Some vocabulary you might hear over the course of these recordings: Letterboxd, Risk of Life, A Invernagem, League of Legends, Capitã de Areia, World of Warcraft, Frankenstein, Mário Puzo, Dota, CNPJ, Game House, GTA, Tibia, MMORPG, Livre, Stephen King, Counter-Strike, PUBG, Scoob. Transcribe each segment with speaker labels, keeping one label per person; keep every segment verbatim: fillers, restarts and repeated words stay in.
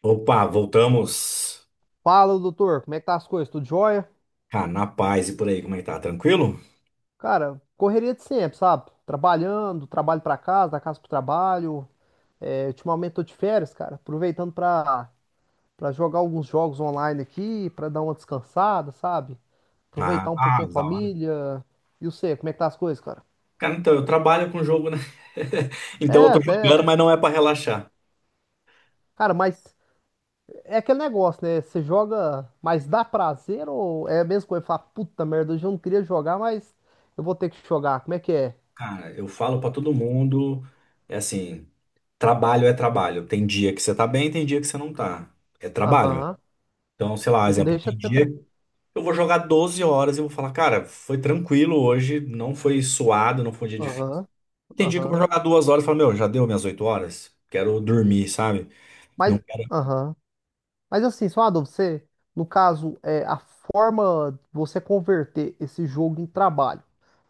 Speaker 1: Opa, voltamos.
Speaker 2: Fala, doutor, como é que tá as coisas? Tudo jóia?
Speaker 1: Ah, na paz e por aí, como é que tá? Tranquilo?
Speaker 2: Cara, correria de sempre, sabe? Trabalhando, trabalho pra casa, da casa pro trabalho. É, ultimamente tô de férias, cara, aproveitando pra, pra jogar alguns jogos online aqui, pra dar uma descansada, sabe?
Speaker 1: Ah,
Speaker 2: Aproveitar um pouquinho
Speaker 1: ah,
Speaker 2: a
Speaker 1: da hora.
Speaker 2: família. E você, como é que tá as coisas, cara?
Speaker 1: Cara, então, eu trabalho com jogo, né?
Speaker 2: É,
Speaker 1: Então eu tô
Speaker 2: até.
Speaker 1: jogando, mas não é pra relaxar.
Speaker 2: Cara, mas é aquele negócio, né? Você joga, mas dá prazer ou é a mesma coisa? Fala, puta merda, hoje eu não queria jogar, mas eu vou ter que jogar. Como é que é?
Speaker 1: Cara, eu falo pra todo mundo, é assim, trabalho é trabalho. Tem dia que você tá bem, tem dia que você não tá. É trabalho.
Speaker 2: Aham.
Speaker 1: Então, sei lá,
Speaker 2: Não
Speaker 1: exemplo,
Speaker 2: deixa
Speaker 1: tem
Speaker 2: de
Speaker 1: dia
Speaker 2: ser.
Speaker 1: que eu vou jogar doze horas e vou falar, cara, foi tranquilo hoje, não foi suado, não foi um dia difícil.
Speaker 2: Aham,
Speaker 1: Tem dia que eu vou
Speaker 2: aham.
Speaker 1: jogar duas horas e falo, meu, já deu minhas oito horas? Quero dormir, sabe? Não
Speaker 2: Mas, aham. Mas assim, só uma dúvida, você, no caso, é, a forma de você converter esse jogo em trabalho,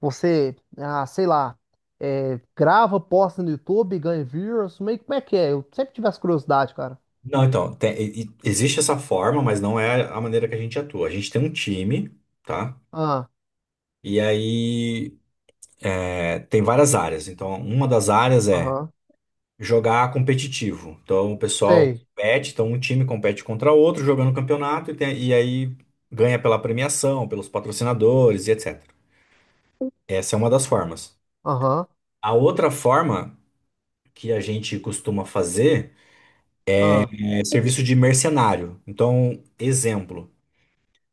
Speaker 2: você, ah, sei lá, é, grava, posta no YouTube, ganha views, meio que como é que é? Eu sempre tive essa curiosidade, cara.
Speaker 1: Não, então, tem- e- e- existe essa forma, mas não é a maneira que a gente atua. A gente tem um time, tá?
Speaker 2: Ah,
Speaker 1: E aí é, tem várias áreas. Então, uma das áreas é
Speaker 2: aham,
Speaker 1: jogar competitivo. Então, o pessoal
Speaker 2: sei.
Speaker 1: compete, então um time compete contra outro, jogando campeonato, e, tem- e aí ganha pela premiação, pelos patrocinadores e etecetera. Essa é uma das formas.
Speaker 2: Aham,
Speaker 1: A outra forma que a gente costuma fazer
Speaker 2: ah,
Speaker 1: é serviço de mercenário. Então, exemplo.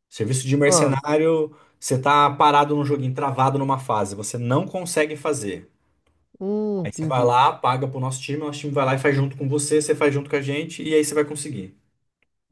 Speaker 1: Serviço de
Speaker 2: ah.
Speaker 1: mercenário, você tá parado num joguinho, travado numa fase, você não consegue fazer.
Speaker 2: Hum,
Speaker 1: Aí você vai
Speaker 2: entendi.
Speaker 1: lá, paga pro nosso time, o nosso time vai lá e faz junto com você, você faz junto com a gente, e aí você vai conseguir.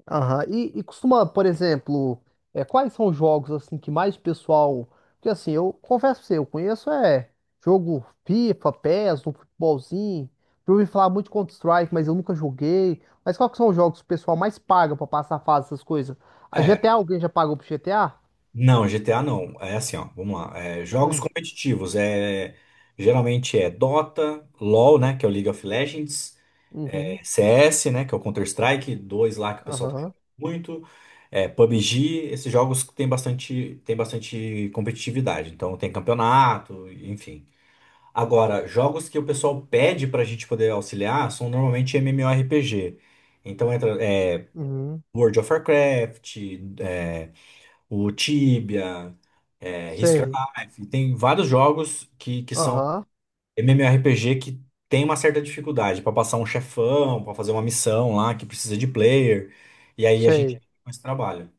Speaker 2: Aham. E, e costuma, por exemplo, é, quais são os jogos assim que mais pessoal. Porque assim, eu confesso pra você, eu conheço é jogo FIFA, P E S, um futebolzinho. Eu ouvi falar muito de Counter-Strike, mas eu nunca joguei. Mas quais que são os jogos que o pessoal mais paga pra passar fase, essas coisas? A
Speaker 1: É,
Speaker 2: G T A, alguém já pagou pro G T A?
Speaker 1: não, G T A não. É assim, ó, vamos lá. É, jogos
Speaker 2: Hum.
Speaker 1: competitivos, é, geralmente é Dota, LoL, né, que é o League of Legends,
Speaker 2: Uhum.
Speaker 1: é, C S, né, que é o Counter-Strike dois lá que o pessoal tá jogando
Speaker 2: Aham.
Speaker 1: muito, é, P U B G, esses jogos que tem bastante, tem bastante competitividade, então tem campeonato, enfim. Agora, jogos que o pessoal pede pra gente poder auxiliar são normalmente MMORPG. Então entra é,
Speaker 2: Uhum.
Speaker 1: World of Warcraft, é, o Tibia, é, Risk of
Speaker 2: Sei.
Speaker 1: Life, tem vários jogos que, que são
Speaker 2: Aham.
Speaker 1: MMORPG que tem uma certa dificuldade pra passar um chefão, pra fazer uma missão lá que precisa de player, e aí a gente
Speaker 2: Sei.
Speaker 1: fica com esse trabalho.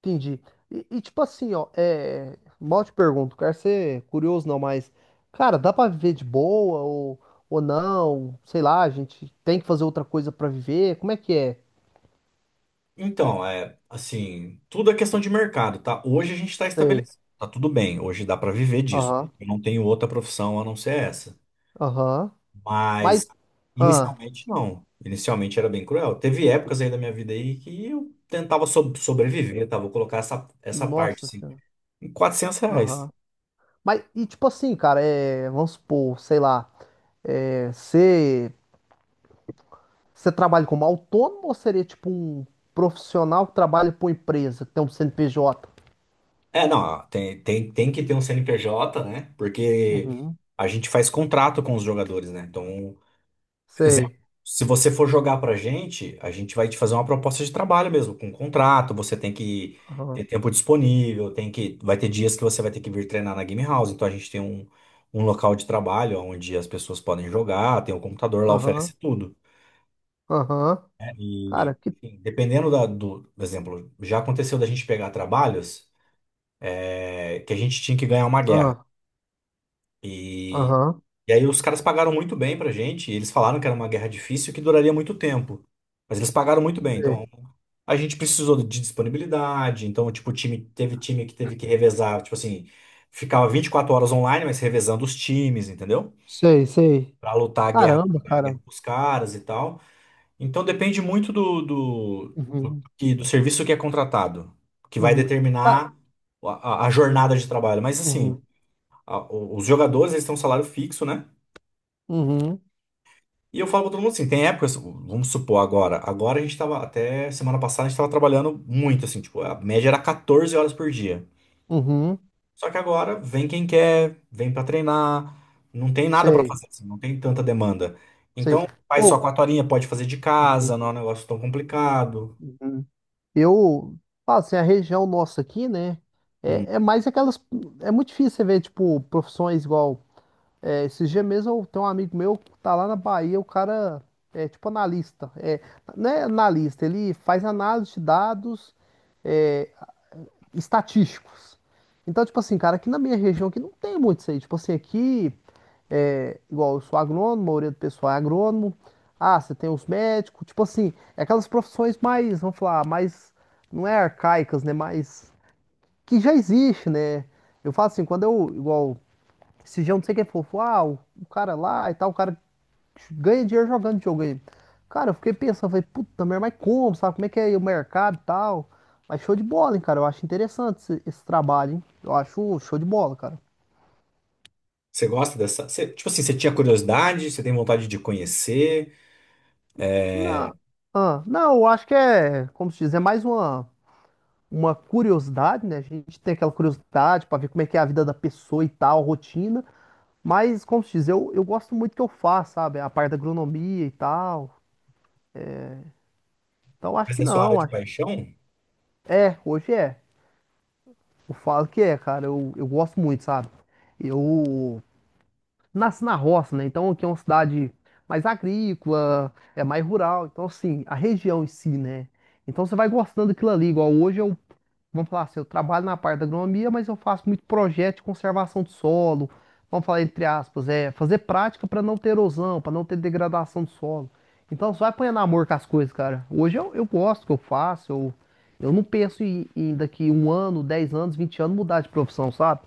Speaker 2: Entendi. E, e, tipo assim, ó, é. Mal te pergunto, quero ser curioso não, mas, cara, dá pra viver de boa ou, ou não? Sei lá, a gente tem que fazer outra coisa pra viver? Como é que é?
Speaker 1: Então, é assim, tudo é questão de mercado, tá? Hoje a gente está
Speaker 2: Sei.
Speaker 1: estabelecido, tá tudo bem, hoje dá pra viver disso.
Speaker 2: Aham,
Speaker 1: Eu não tenho outra profissão a não ser essa.
Speaker 2: aham.
Speaker 1: Mas
Speaker 2: Mas, ah,
Speaker 1: inicialmente não. Inicialmente era bem cruel. Teve épocas aí da minha vida aí que eu tentava so- sobreviver, tá? Vou colocar essa, essa parte
Speaker 2: nossa
Speaker 1: assim,
Speaker 2: senhora.
Speaker 1: em quatrocentos reais.
Speaker 2: Aham. Mas, e tipo assim, cara, é. Vamos supor, sei lá, é. Você você trabalha como autônomo ou seria tipo um profissional que trabalha pra uma empresa, que tem um C N P J?
Speaker 1: É, não, ah, tem, tem, tem que ter um C N P J, né? Porque
Speaker 2: Uhum.
Speaker 1: a gente faz contrato com os jogadores, né? Então, exemplo,
Speaker 2: Sei.
Speaker 1: se você for jogar pra gente, a gente vai te fazer uma proposta de trabalho mesmo, com contrato, você tem que ter tempo disponível, tem que, vai ter dias que você vai ter que vir treinar na Game House, então a gente tem um, um local de trabalho onde as pessoas podem jogar, tem um computador lá,
Speaker 2: Aham,
Speaker 1: oferece tudo.
Speaker 2: aham.
Speaker 1: E
Speaker 2: Cara, que.
Speaker 1: enfim, dependendo da, do, por exemplo, já aconteceu da gente pegar trabalhos, é, que a gente tinha que ganhar uma guerra.
Speaker 2: Ah,
Speaker 1: e
Speaker 2: aham,
Speaker 1: E aí os caras pagaram muito bem pra gente, e eles falaram que era uma guerra difícil e que duraria muito tempo. Mas eles pagaram muito bem,
Speaker 2: sei.
Speaker 1: então a gente precisou de disponibilidade, então tipo, o time teve time que teve que revezar, tipo assim, ficava vinte e quatro horas online, mas revezando os times, entendeu?
Speaker 2: Sei, sei.
Speaker 1: Pra lutar a guerra,
Speaker 2: Caramba,
Speaker 1: a
Speaker 2: cara.
Speaker 1: guerra com os caras e tal. Então depende muito do, do, do,
Speaker 2: Uhum,
Speaker 1: que- do serviço que é contratado, que vai
Speaker 2: uhum. Ca-
Speaker 1: determinar a, a- a jornada de trabalho. Mas assim,
Speaker 2: Uhum,
Speaker 1: a- o- os jogadores eles têm um salário fixo, né?
Speaker 2: uhum,
Speaker 1: E eu falo pra todo mundo assim, tem épocas, vamos supor agora, agora a gente tava, até semana passada a gente tava trabalhando muito, assim, tipo, a média era catorze horas por dia.
Speaker 2: uhum.
Speaker 1: Só que agora vem quem quer, vem pra treinar, não tem nada pra
Speaker 2: Sei,
Speaker 1: fazer, assim, não tem tanta demanda.
Speaker 2: sei.
Speaker 1: Então, faz só
Speaker 2: Ou.
Speaker 1: quatro horinhas, pode fazer de casa,
Speaker 2: Uhum,
Speaker 1: não é um negócio tão complicado.
Speaker 2: uhum. Eu. Ah, assim, a região nossa aqui, né?
Speaker 1: Hum.
Speaker 2: É, é mais aquelas. É muito difícil você ver, tipo, profissões igual. É, esses dias mesmo eu tenho um amigo meu que tá lá na Bahia, o cara é tipo analista. É, não é analista, ele faz análise de dados. É estatísticos. Então, tipo assim, cara, aqui na minha região aqui não tem muito isso aí. Tipo assim, aqui é igual eu sou agrônomo, a maioria do pessoal é agrônomo. Ah, você tem os médicos, tipo assim, é aquelas profissões mais, vamos falar, mais não é arcaicas, né, mas que já existe, né? Eu falo assim, quando eu igual esse dia, eu não sei quem for, falou, ah, o, o cara lá e tal, o cara ganha dinheiro jogando videogame. Cara, eu fiquei pensando, falei, puta merda, mas como, sabe? Como é que é o mercado e tal? Mas show de bola, hein, cara? Eu acho interessante esse, esse trabalho, hein? Eu acho show de bola, cara.
Speaker 1: Você gosta dessa? Você- tipo assim, você tinha curiosidade, você tem vontade de conhecer, é,
Speaker 2: Não, ah, não, eu acho que é, como se diz, é mais uma, uma curiosidade, né? A gente tem aquela curiosidade pra ver como é que é a vida da pessoa e tal, rotina. Mas, como se diz, eu, eu gosto muito que eu faço, sabe? A parte da agronomia e tal. Então, acho
Speaker 1: mas
Speaker 2: que
Speaker 1: é sua área
Speaker 2: não,
Speaker 1: de
Speaker 2: acho,
Speaker 1: paixão?
Speaker 2: é, hoje é. Eu falo que é, cara. Eu, eu gosto muito, sabe? Eu nasci na roça, né? Então aqui é uma cidade mais agrícola, é mais rural. Então, assim, a região em si, né? Então você vai gostando daquilo ali. Igual hoje eu vamos falar assim, eu trabalho na parte da agronomia, mas eu faço muito projeto de conservação de solo. Vamos falar entre aspas, é fazer prática para não ter erosão, para não ter degradação do solo. Então você vai apanhando amor com as coisas, cara. Hoje eu, eu gosto do que eu faço, eu, eu não penso em, em daqui um ano, dez anos, vinte anos mudar de profissão, sabe?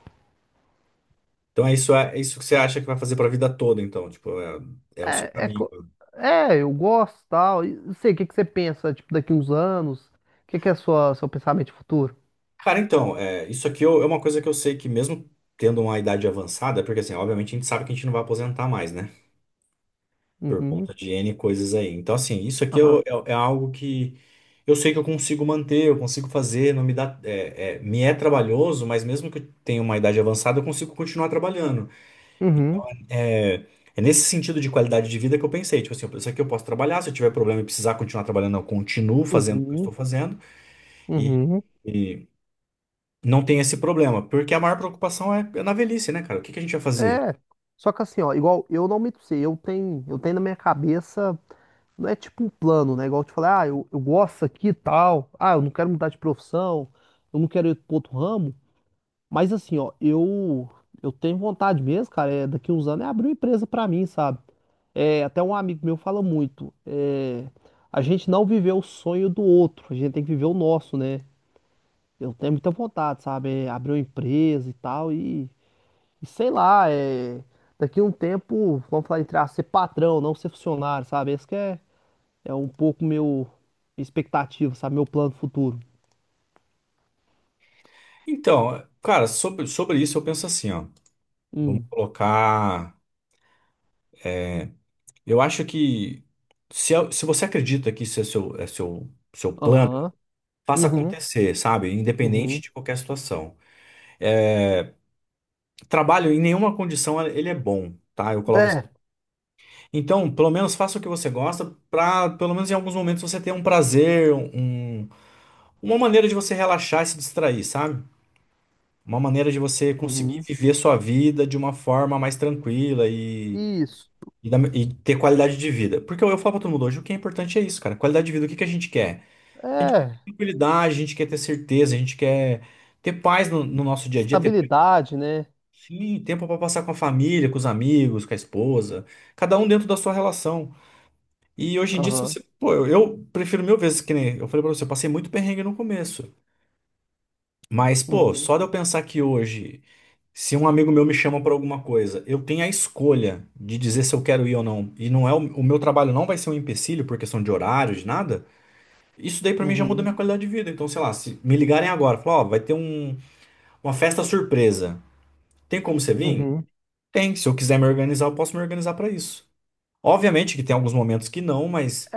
Speaker 1: Então é isso, é isso que você acha que vai fazer pra vida toda, então, tipo, é, é o seu
Speaker 2: É, é,
Speaker 1: caminho.
Speaker 2: co- é, eu gosto tal. E não sei, o que que você pensa, tipo, daqui uns anos? O que que é sua, seu pensamento de futuro?
Speaker 1: Cara, então, é, isso aqui eu- é uma coisa que eu sei que mesmo tendo uma idade avançada, porque assim, obviamente a gente sabe que a gente não vai aposentar mais, né? Por
Speaker 2: Uhum,
Speaker 1: conta de N coisas aí. Então, assim, isso aqui eu-
Speaker 2: aham,
Speaker 1: é, é algo que eu sei que eu consigo manter, eu consigo fazer, não me dá, é, é, me é trabalhoso, mas mesmo que eu tenha uma idade avançada, eu consigo continuar trabalhando.
Speaker 2: uhum,
Speaker 1: É, é nesse sentido de qualidade de vida que eu pensei, tipo assim, isso aqui eu posso trabalhar, se eu tiver problema e precisar continuar trabalhando, eu continuo fazendo o que eu
Speaker 2: uhum,
Speaker 1: estou fazendo. E,
Speaker 2: uhum.
Speaker 1: e- não tem esse problema, porque a maior preocupação é é na velhice, né, cara? O que que a gente vai fazer?
Speaker 2: É, só que assim, ó, igual eu não me pra eu tenho, eu tenho na minha cabeça, não é tipo um plano, né? Igual eu te falei, ah, eu, eu gosto aqui e tal, ah, eu não quero mudar de profissão, eu não quero ir pro outro ramo, mas assim, ó, eu, eu tenho vontade mesmo, cara, é, daqui uns anos é abrir uma empresa pra mim, sabe? É, até um amigo meu fala muito, é, a gente não viveu o sonho do outro, a gente tem que viver o nosso, né? Eu tenho muita vontade, sabe? É, abrir uma empresa e tal, e. E sei lá, é... daqui a um tempo, vamos falar entrar aspas, ser patrão, não ser funcionário, sabe? Esse que é, é um pouco meu minha expectativa, sabe? Meu plano futuro.
Speaker 1: Então, cara, sobre, sobre isso eu penso assim, ó. Vamos
Speaker 2: Hum.
Speaker 1: colocar. Eu acho que se, é- se você acredita que isso é seu, é seu, seu plano,
Speaker 2: Aham.
Speaker 1: faça
Speaker 2: Uhum.
Speaker 1: acontecer, sabe? Independente
Speaker 2: Uhum.
Speaker 1: de qualquer situação. Trabalho em nenhuma condição é, ele é bom. Tá, eu coloco assim.
Speaker 2: É.
Speaker 1: Então, pelo menos faça o que você gosta, pra pelo menos em alguns momentos você ter um prazer, um, uma maneira de você relaxar e se distrair, sabe? Uma maneira de você conseguir
Speaker 2: Uhum.
Speaker 1: viver sua vida de uma forma mais tranquila e,
Speaker 2: Isso.
Speaker 1: e, da- e ter qualidade de vida. Porque eu, eu falo pra todo mundo hoje, o que é importante é isso, cara. Qualidade de vida, o que que a gente quer? A gente quer
Speaker 2: É.
Speaker 1: tranquilidade, a gente quer ter certeza, a gente quer ter paz no, no nosso dia a dia, ter tempo,
Speaker 2: Estabilidade, né?
Speaker 1: sim, tempo para passar com a família, com os amigos, com a esposa, cada um dentro da sua relação. E hoje em dia, se
Speaker 2: Aham.
Speaker 1: você. Pô, eu, eu prefiro mil vezes que nem. Eu falei pra você, eu passei muito perrengue no começo. Mas, pô,
Speaker 2: Uhum.
Speaker 1: só de eu pensar que hoje. Se um amigo meu me chama para alguma coisa, eu tenho a escolha de dizer se eu quero ir ou não. E não é o, o meu trabalho não vai ser um empecilho por questão de horário, de nada. Isso daí para mim já muda
Speaker 2: Uhum.
Speaker 1: minha qualidade de vida. Então, sei lá, se me ligarem agora, falar, ó, vai ter um- uma festa surpresa. Tem como você vir?
Speaker 2: Uhum.
Speaker 1: Tem. Se eu quiser me organizar, eu posso me organizar para isso. Obviamente que tem alguns momentos que não, mas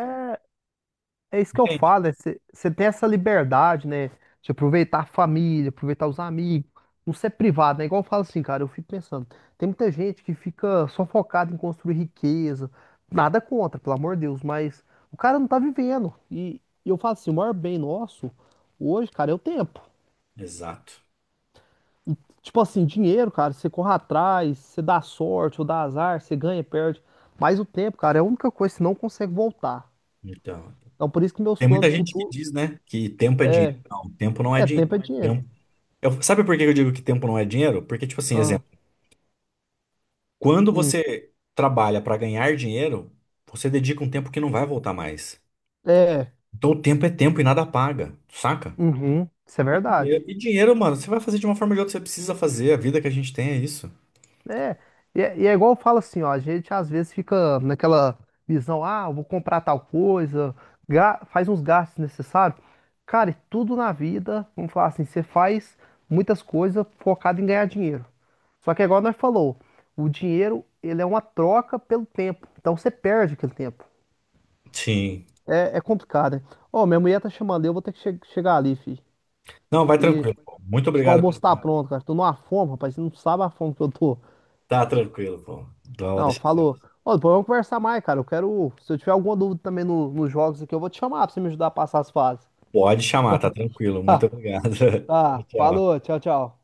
Speaker 2: É isso que eu
Speaker 1: entende?
Speaker 2: falo, né? Você tem essa liberdade, né? De aproveitar a família, aproveitar os amigos, não ser privado, né? Igual eu falo assim, cara, eu fico pensando, tem muita gente que fica só focada em construir riqueza, nada contra, pelo amor de Deus, mas o cara não tá vivendo. E, e eu falo assim, o maior bem nosso hoje, cara, é o tempo.
Speaker 1: Exato.
Speaker 2: Tipo assim, dinheiro, cara, você corre atrás, você dá sorte ou dá azar, você ganha, perde. Mas o tempo, cara, é a única coisa que você não consegue voltar.
Speaker 1: Então,
Speaker 2: Então por isso que meus
Speaker 1: tem muita
Speaker 2: planos
Speaker 1: gente que
Speaker 2: futuros
Speaker 1: diz, né, que tempo é
Speaker 2: é,
Speaker 1: dinheiro. Não, tempo não é
Speaker 2: é tempo é
Speaker 1: dinheiro.
Speaker 2: dinheiro.
Speaker 1: Tempo... Eu- sabe por que eu digo que tempo não é dinheiro? Porque, tipo assim,
Speaker 2: Ah,
Speaker 1: exemplo. Quando
Speaker 2: hum,
Speaker 1: você trabalha para ganhar dinheiro, você dedica um tempo que não vai voltar mais.
Speaker 2: é,
Speaker 1: Então o tempo é tempo e nada paga, saca?
Speaker 2: uhum, isso é
Speaker 1: E dinheiro,
Speaker 2: verdade.
Speaker 1: e dinheiro, mano, você vai fazer de uma forma ou de outra, você precisa fazer. A vida que a gente tem é isso.
Speaker 2: É, e é, e é igual eu falo assim, ó, a gente às vezes fica naquela visão, ah, eu vou comprar tal coisa, ga- faz uns gastos necessários. Cara, e tudo na vida, vamos falar assim, você faz muitas coisas focado em ganhar dinheiro. Só que é igual nós falou, o dinheiro, ele é uma troca pelo tempo, então você perde aquele tempo.
Speaker 1: Sim.
Speaker 2: É, é complicado, né? Ó, minha mulher tá chamando, eu vou ter que che- chegar ali,
Speaker 1: Não, vai
Speaker 2: filho.
Speaker 1: tranquilo, pô. Muito
Speaker 2: Acho que o
Speaker 1: obrigado pelo
Speaker 2: almoço tá
Speaker 1: papo.
Speaker 2: pronto, cara. Tô numa fome, rapaz. Você não sabe a fome que eu tô.
Speaker 1: Tá tranquilo, pô. Não,
Speaker 2: Não,
Speaker 1: deixa quieto.
Speaker 2: falou. Ô, depois vamos conversar mais, cara. Eu quero. Se eu tiver alguma dúvida também no, nos jogos aqui, eu vou te chamar pra você me ajudar a passar as fases.
Speaker 1: Pode chamar, tá tranquilo. Muito obrigado.
Speaker 2: tá.
Speaker 1: Tchau.
Speaker 2: Falou. Tchau, tchau.